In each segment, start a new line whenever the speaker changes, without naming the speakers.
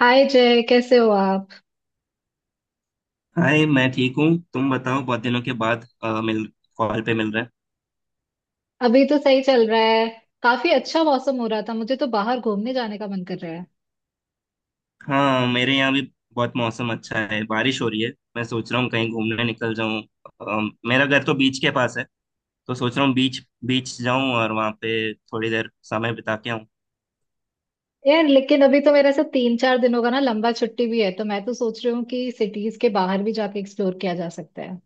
हाय जय, कैसे हो आप?
हाय, मैं ठीक हूँ। तुम बताओ, बहुत दिनों के बाद मिल कॉल पे मिल रहे हैं।
अभी तो सही चल रहा है। काफी अच्छा मौसम हो रहा था, मुझे तो बाहर घूमने जाने का मन कर रहा है।
हाँ, मेरे यहाँ भी बहुत मौसम अच्छा है, बारिश हो रही है। मैं सोच रहा हूँ कहीं घूमने निकल जाऊँ। मेरा घर तो बीच के पास है, तो सोच रहा हूँ बीच बीच जाऊँ और वहाँ पे थोड़ी देर समय बिता के आऊँ।
यार, लेकिन अभी तो मेरा ऐसा 3-4 दिनों का ना लंबा छुट्टी भी है, तो मैं तो सोच रही हूँ कि सिटीज के बाहर भी जाके एक्सप्लोर किया जा सकता है।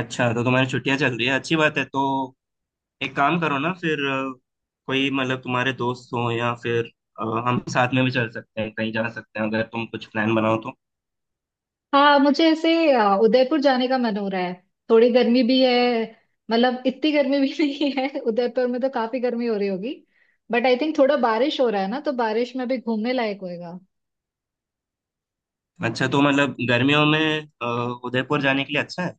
अच्छा, तो तुम्हारी छुट्टियाँ चल रही है, अच्छी बात है। तो एक काम करो ना, फिर कोई मतलब तुम्हारे दोस्त हो या फिर हम साथ में भी चल सकते हैं, कहीं जा सकते हैं, अगर तुम कुछ प्लान बनाओ तो।
हाँ, मुझे ऐसे उदयपुर जाने का मन हो रहा है। थोड़ी गर्मी भी है। मतलब इतनी गर्मी भी नहीं है, उदयपुर में तो काफी गर्मी हो रही होगी। बट आई थिंक थोड़ा बारिश हो रहा है ना, तो बारिश में भी घूमने लायक होएगा।
अच्छा, तो मतलब गर्मियों में उदयपुर जाने के लिए अच्छा है।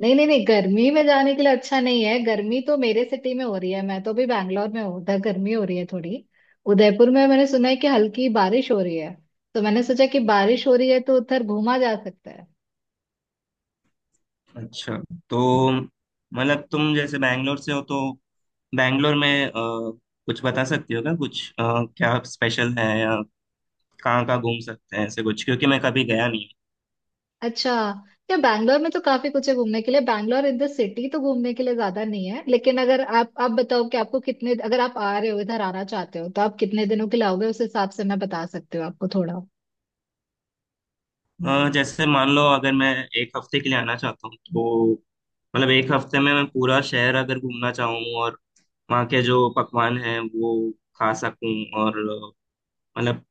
नहीं नहीं नहीं, गर्मी में जाने के लिए अच्छा नहीं है। गर्मी तो मेरे सिटी में हो रही है, मैं तो अभी बैंगलोर में हूँ, उधर गर्मी हो रही है थोड़ी। उदयपुर में मैंने सुना है कि हल्की बारिश हो रही है, तो मैंने सोचा कि बारिश हो रही है तो उधर घूमा जा सकता है।
अच्छा, तो मतलब तुम जैसे बैंगलोर से हो तो बैंगलोर में कुछ बता सकती हो क्या? कुछ क्या स्पेशल है, या कहाँ कहाँ घूम सकते हैं, ऐसे कुछ, क्योंकि मैं कभी गया नहीं।
अच्छा। या बैंगलोर में तो काफी कुछ है घूमने के लिए। बैंगलोर इन द सिटी तो घूमने के लिए ज्यादा नहीं है, लेकिन अगर आप बताओ कि आपको कितने, अगर आप आ रहे हो, इधर आना चाहते हो तो आप कितने दिनों के लिए आओगे, उस हिसाब से मैं बता सकती हूँ आपको थोड़ा।
हूँ। जैसे मान लो अगर मैं एक हफ्ते के लिए आना चाहता हूँ, तो मतलब एक हफ्ते में मैं पूरा शहर अगर घूमना चाहूँ, और वहाँ के जो पकवान हैं वो खा सकूँ, और मतलब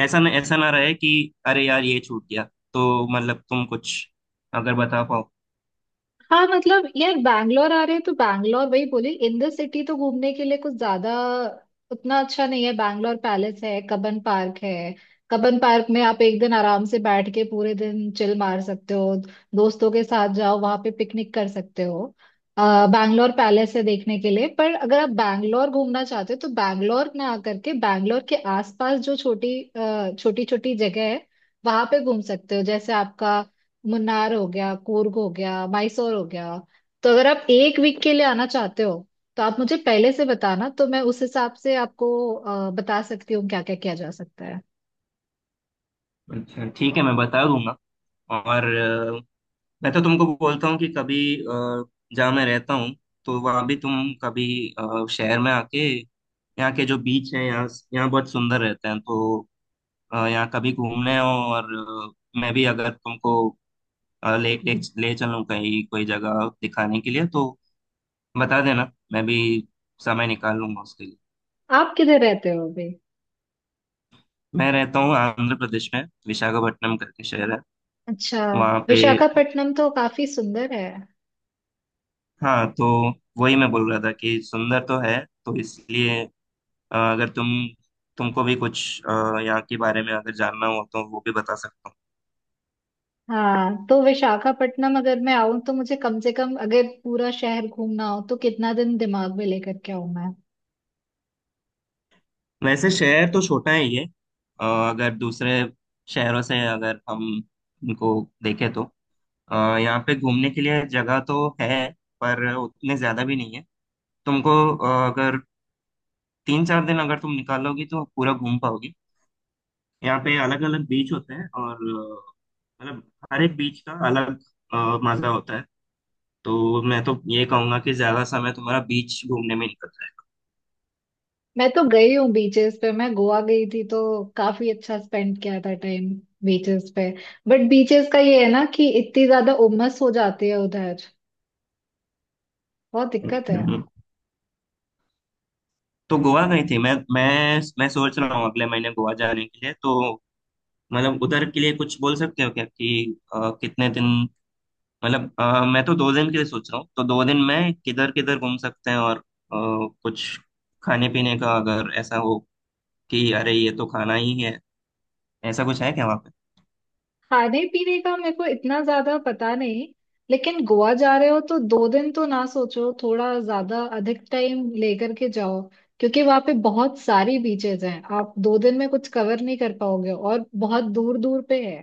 ऐसा न, ऐसा ना रहे कि अरे यार, ये छूट गया। तो मतलब तुम कुछ अगर बता पाओ।
हाँ मतलब यार, बैंगलोर आ रहे हैं तो बैंगलोर वही बोली, इन द सिटी तो घूमने के लिए कुछ ज्यादा उतना अच्छा नहीं है। बैंगलोर पैलेस है, कबन पार्क है। कबन पार्क में आप एक दिन आराम से बैठ के पूरे दिन चिल मार सकते हो, दोस्तों के साथ जाओ, वहां पे पिकनिक कर सकते हो। बैंगलोर पैलेस है देखने के लिए, पर अगर आप बैंगलोर घूमना चाहते हो तो बैंगलोर ना आकर के बैंगलोर के आसपास जो छोटी छोटी छोटी जगह है वहां पे घूम सकते हो। जैसे आपका मुन्नार हो गया, कूर्ग हो गया, मैसूर हो गया। तो अगर आप एक वीक के लिए आना चाहते हो तो आप मुझे पहले से बताना, तो मैं उस हिसाब से आपको बता सकती हूँ क्या क्या किया जा सकता है।
अच्छा ठीक है, मैं बता दूंगा। और मैं तो तुमको बोलता हूँ कि कभी अ, जहाँ मैं रहता हूँ, तो वहाँ भी तुम कभी शहर में आके यहाँ के जो बीच है, यहाँ यहाँ बहुत सुंदर रहते हैं। तो यहाँ कभी घूमने आओ, और मैं भी अगर तुमको अ, ले ले ले चलूँ कहीं कोई जगह दिखाने के लिए, तो बता देना, मैं भी समय निकाल लूंगा उसके लिए।
आप किधर रहते हो अभी?
मैं रहता हूँ आंध्र प्रदेश में, विशाखापट्टनम करके शहर है,
अच्छा।
वहाँ पे।
विशाखापट्टनम तो काफी सुंदर है।
हाँ, तो वही मैं बोल रहा था कि सुंदर तो है, तो इसलिए अगर तुमको भी कुछ यहाँ के बारे में अगर जानना हो, तो वो भी बता सकता हूँ।
हाँ तो विशाखापट्टनम अगर मैं आऊं तो मुझे कम से कम अगर पूरा शहर घूमना हो तो कितना दिन दिमाग में लेकर के आऊं मैं?
वैसे शहर तो छोटा है ये। अगर दूसरे शहरों से अगर हम इनको देखें, तो यहाँ पे घूमने के लिए जगह तो है, पर उतने ज्यादा भी नहीं है। तुमको अगर तीन चार दिन अगर तुम निकालोगी तो पूरा घूम पाओगी। यहाँ पे अलग अलग बीच होते हैं, और मतलब हर एक बीच का अलग अ, मजा होता है। तो मैं तो ये कहूंगा कि ज्यादा समय तुम्हारा बीच घूमने में निकल
मैं तो गई हूँ बीचेस पे, मैं गोवा गई थी तो काफी अच्छा स्पेंड किया था टाइम बीचेस पे। बट बीचेस का ये है ना कि इतनी ज्यादा उमस हो जाती है उधर, बहुत दिक्कत है।
जाएगा। तो गोवा गई थी? मैं मैं सोच रहा हूँ अगले महीने गोवा जाने के लिए। तो मतलब उधर के लिए कुछ बोल सकते हो क्या, कि कितने दिन, मतलब मैं तो दो दिन के लिए सोच रहा हूँ, तो दो दिन में किधर किधर घूम सकते हैं, और कुछ खाने पीने का अगर ऐसा हो कि अरे ये तो खाना ही है, ऐसा कुछ है क्या?
खाने पीने का मेरे को इतना ज्यादा पता नहीं, लेकिन गोवा जा रहे हो तो 2 दिन तो ना सोचो, थोड़ा ज्यादा अधिक टाइम लेकर के जाओ, क्योंकि वहां पे बहुत सारी बीचेस हैं, आप 2 दिन में कुछ कवर नहीं कर पाओगे, और बहुत दूर दूर पे है।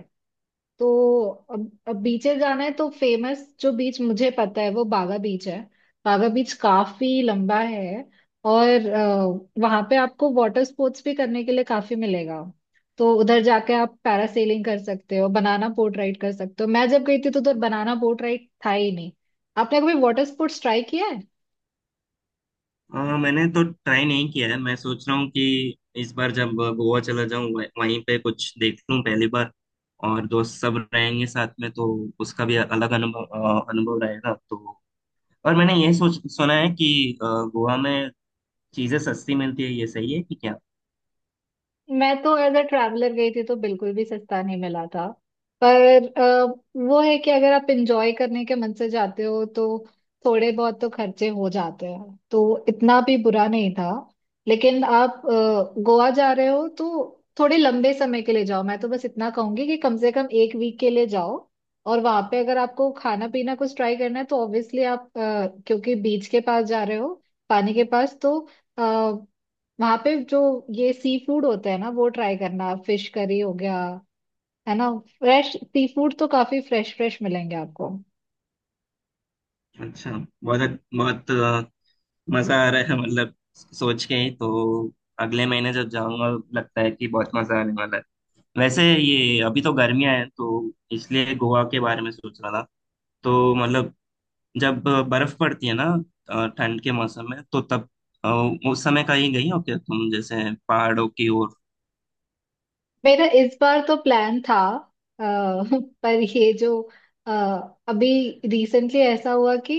तो अब बीचेस जाना है तो फेमस जो बीच मुझे पता है वो बागा बीच है। बागा बीच काफी लंबा है, और वहां पे आपको वाटर स्पोर्ट्स भी करने के लिए काफी मिलेगा। तो उधर जाके आप पैरासेलिंग कर सकते हो, बनाना बोट राइड कर सकते हो। मैं जब गई थी तो उधर बनाना बोट राइड था ही नहीं। आपने कभी वाटर स्पोर्ट्स ट्राई किया है?
मैंने तो ट्राई नहीं किया है, मैं सोच रहा हूँ कि इस बार जब गोवा चला जाऊँ वहीं पे कुछ देख लूँ पहली बार। और दोस्त सब रहेंगे साथ में, तो उसका भी अलग अनुभव अ, अनुभव रहेगा। तो और मैंने ये सोच सुना है कि गोवा में चीजें सस्ती मिलती है, ये सही है कि क्या?
मैं तो एज अ ट्रैवलर गई थी तो बिल्कुल भी सस्ता नहीं मिला था, पर वो है कि अगर आप इंजॉय करने के मन से जाते हो तो थोड़े बहुत तो खर्चे हो जाते हैं, तो इतना भी बुरा नहीं था। लेकिन आप गोवा जा रहे हो तो थोड़े लंबे समय के लिए जाओ। मैं तो बस इतना कहूंगी कि कम से कम एक वीक के लिए जाओ। और वहां पे अगर आपको खाना पीना कुछ ट्राई करना है तो ऑब्वियसली आप क्योंकि बीच के पास जा रहे हो, पानी के पास, तो वहां पे जो ये सी फूड होता है ना वो ट्राई करना, फिश करी हो गया, है ना, फ्रेश सी फूड तो काफी फ्रेश फ्रेश मिलेंगे आपको।
अच्छा, बहुत बहुत मजा आ रहा है, मतलब सोच के ही। तो अगले महीने जब जाऊंगा, लगता है कि बहुत मजा आने वाला है। वैसे ये अभी तो गर्मियां हैं, तो इसलिए गोवा के बारे में सोच रहा था। तो मतलब जब बर्फ पड़ती है ना, ठंड के मौसम में, तो तब अ, उस समय कहीं गई हो क्या तुम, जैसे पहाड़ों की ओर?
मेरा इस बार तो प्लान था, अ, पर ये जो अ, अभी रिसेंटली ऐसा हुआ कि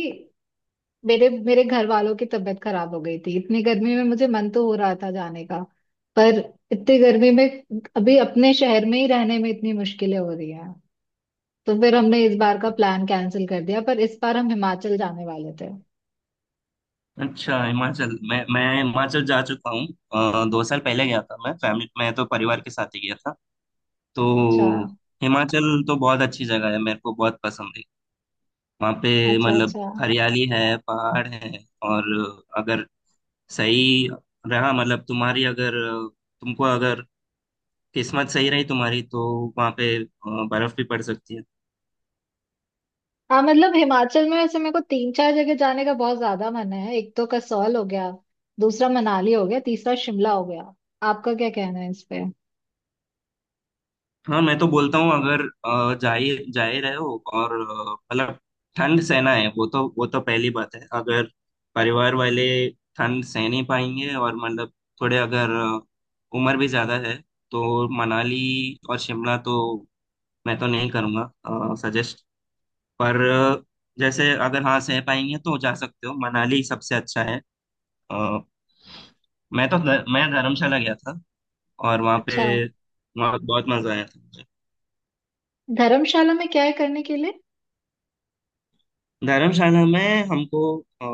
मेरे मेरे घर वालों की तबीयत खराब हो गई थी। इतनी गर्मी में मुझे मन तो हो रहा था जाने का, पर इतनी गर्मी में अभी अपने शहर में ही रहने में इतनी मुश्किलें हो रही हैं तो फिर हमने इस बार का प्लान कैंसिल कर दिया। पर इस बार हम हिमाचल जाने वाले थे।
अच्छा, हिमाचल! मैं हिमाचल जा चुका हूँ, दो साल पहले गया था। मैं फैमिली, मैं तो परिवार के साथ ही गया था
अच्छा,
तो। हिमाचल तो बहुत अच्छी जगह है, मेरे को बहुत पसंद है। वहाँ पे
अच्छा,
मतलब
अच्छा।
हरियाली है, पहाड़ है, और अगर सही रहा, मतलब तुम्हारी अगर, तुमको अगर किस्मत सही रही तुम्हारी, तो वहां पे बर्फ भी पड़ सकती है।
हाँ मतलब हिमाचल में वैसे मेरे को तीन चार जगह जाने का बहुत ज्यादा मन है। एक तो कसौल हो गया, दूसरा मनाली हो गया, तीसरा शिमला हो गया। आपका क्या कहना है इस पे?
हाँ, मैं तो बोलता हूँ अगर जा ही रहे हो, और मतलब ठंड सहना है, वो तो पहली बात है। अगर परिवार वाले ठंड सह नहीं पाएंगे, और मतलब थोड़े अगर उम्र भी ज्यादा है, तो मनाली और शिमला तो मैं तो नहीं करूँगा सजेस्ट। पर जैसे अगर हाँ सह पाएंगे तो जा सकते हो, मनाली सबसे अच्छा है। अ, मैं तो मैं धर्मशाला गया था, और वहाँ
अच्छा।
पे, वहाँ बहुत मजा आया था मुझे।
धर्मशाला में क्या है करने के लिए?
धर्मशाला में हमको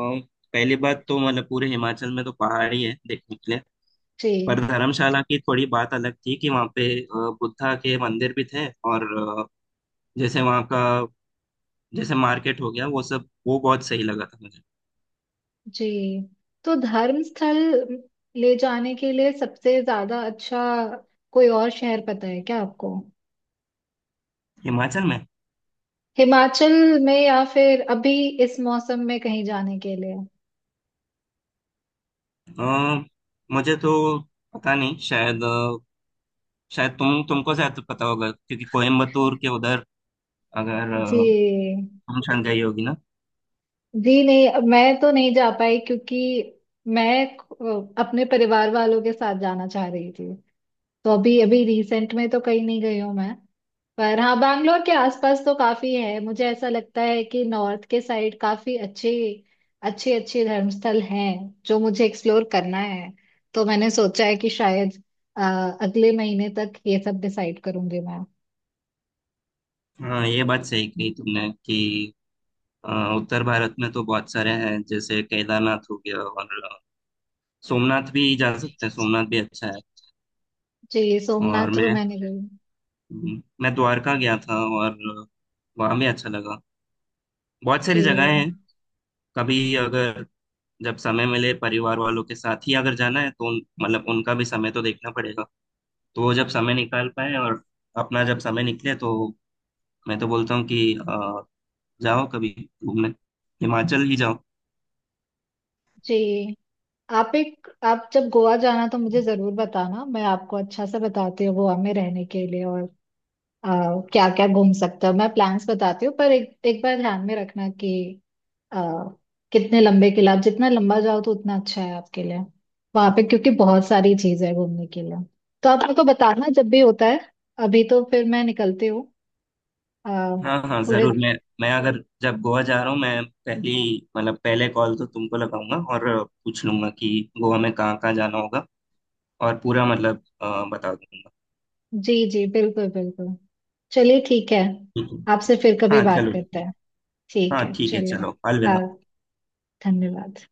पहली बात तो मतलब पूरे हिमाचल में तो पहाड़ ही है देखने के लिए,
जी।
पर धर्मशाला की थोड़ी बात अलग थी कि वहाँ पे बुद्धा के मंदिर भी थे, और अ, जैसे वहाँ का जैसे मार्केट हो गया वो सब, वो बहुत सही लगा था मुझे।
जी। तो धर्म स्थल ले जाने के लिए सबसे ज्यादा अच्छा कोई और शहर पता है क्या आपको?
हिमाचल में
हिमाचल में, या फिर अभी इस मौसम में कहीं जाने के लिए।
अ, मुझे तो पता नहीं, शायद शायद तुम, तुमको शायद पता होगा, क्योंकि कोयम्बतूर के उधर अगर
जी।
तुम शायद गई होगी ना।
जी नहीं, मैं तो नहीं जा पाई, क्योंकि मैं अपने परिवार वालों के साथ जाना चाह रही थी, तो अभी अभी रिसेंट में तो कहीं नहीं गई हूँ मैं। पर हाँ, बैंगलोर के आसपास तो काफी है, मुझे ऐसा लगता है कि नॉर्थ के साइड काफी अच्छे अच्छे अच्छे धर्मस्थल हैं जो मुझे एक्सप्लोर करना है। तो मैंने सोचा है कि शायद अ, अगले महीने तक ये सब डिसाइड करूंगी मैं।
हाँ, ये बात सही कही तुमने कि अ, उत्तर भारत में तो बहुत सारे हैं। जैसे केदारनाथ हो गया, और सोमनाथ भी जा सकते हैं, सोमनाथ भी अच्छा है।
जी, सोमनाथ
और
तो
मैं
मैंने गई।
मैं द्वारका गया था, और वहाँ भी अच्छा लगा। बहुत सारी जगहें हैं।
जी।
कभी अगर, जब समय मिले, परिवार वालों के साथ ही अगर जाना है, तो मतलब उनका भी समय तो देखना पड़ेगा, तो वो जब समय निकाल पाए, और अपना जब समय निकले, तो मैं तो बोलता हूँ कि जाओ कभी घूमने, हिमाचल ही जाओ।
जी, आप जब गोवा जाना तो मुझे जरूर बताना, मैं आपको अच्छा से बताती हूँ गोवा में रहने के लिए और क्या क्या घूम सकते हो, मैं प्लान्स बताती हूँ। पर एक एक बार ध्यान में रखना कि आ, कितने लंबे किले, आप जितना लंबा जाओ तो उतना अच्छा है आपके लिए, वहां पे, क्योंकि बहुत सारी चीज है घूमने के लिए। तो आप मेरे को बताना जब भी होता है। अभी तो फिर मैं निकलती हूँ आ,
हाँ हाँ
थोड़े।
जरूर। मैं अगर जब गोवा जा रहा हूँ, मैं पहली, मतलब पहले कॉल तो तुमको लगाऊंगा, और पूछ लूंगा कि गोवा में कहाँ कहाँ जाना होगा, और पूरा मतलब बता दूंगा।
जी जी, बिल्कुल बिल्कुल। चलिए, ठीक है।
ठीक है।
आपसे फिर कभी
हाँ
बात
चलो।
करते हैं। ठीक
हाँ
है,
ठीक है,
चलिए।
चलो
हाँ,
अलविदा।
धन्यवाद।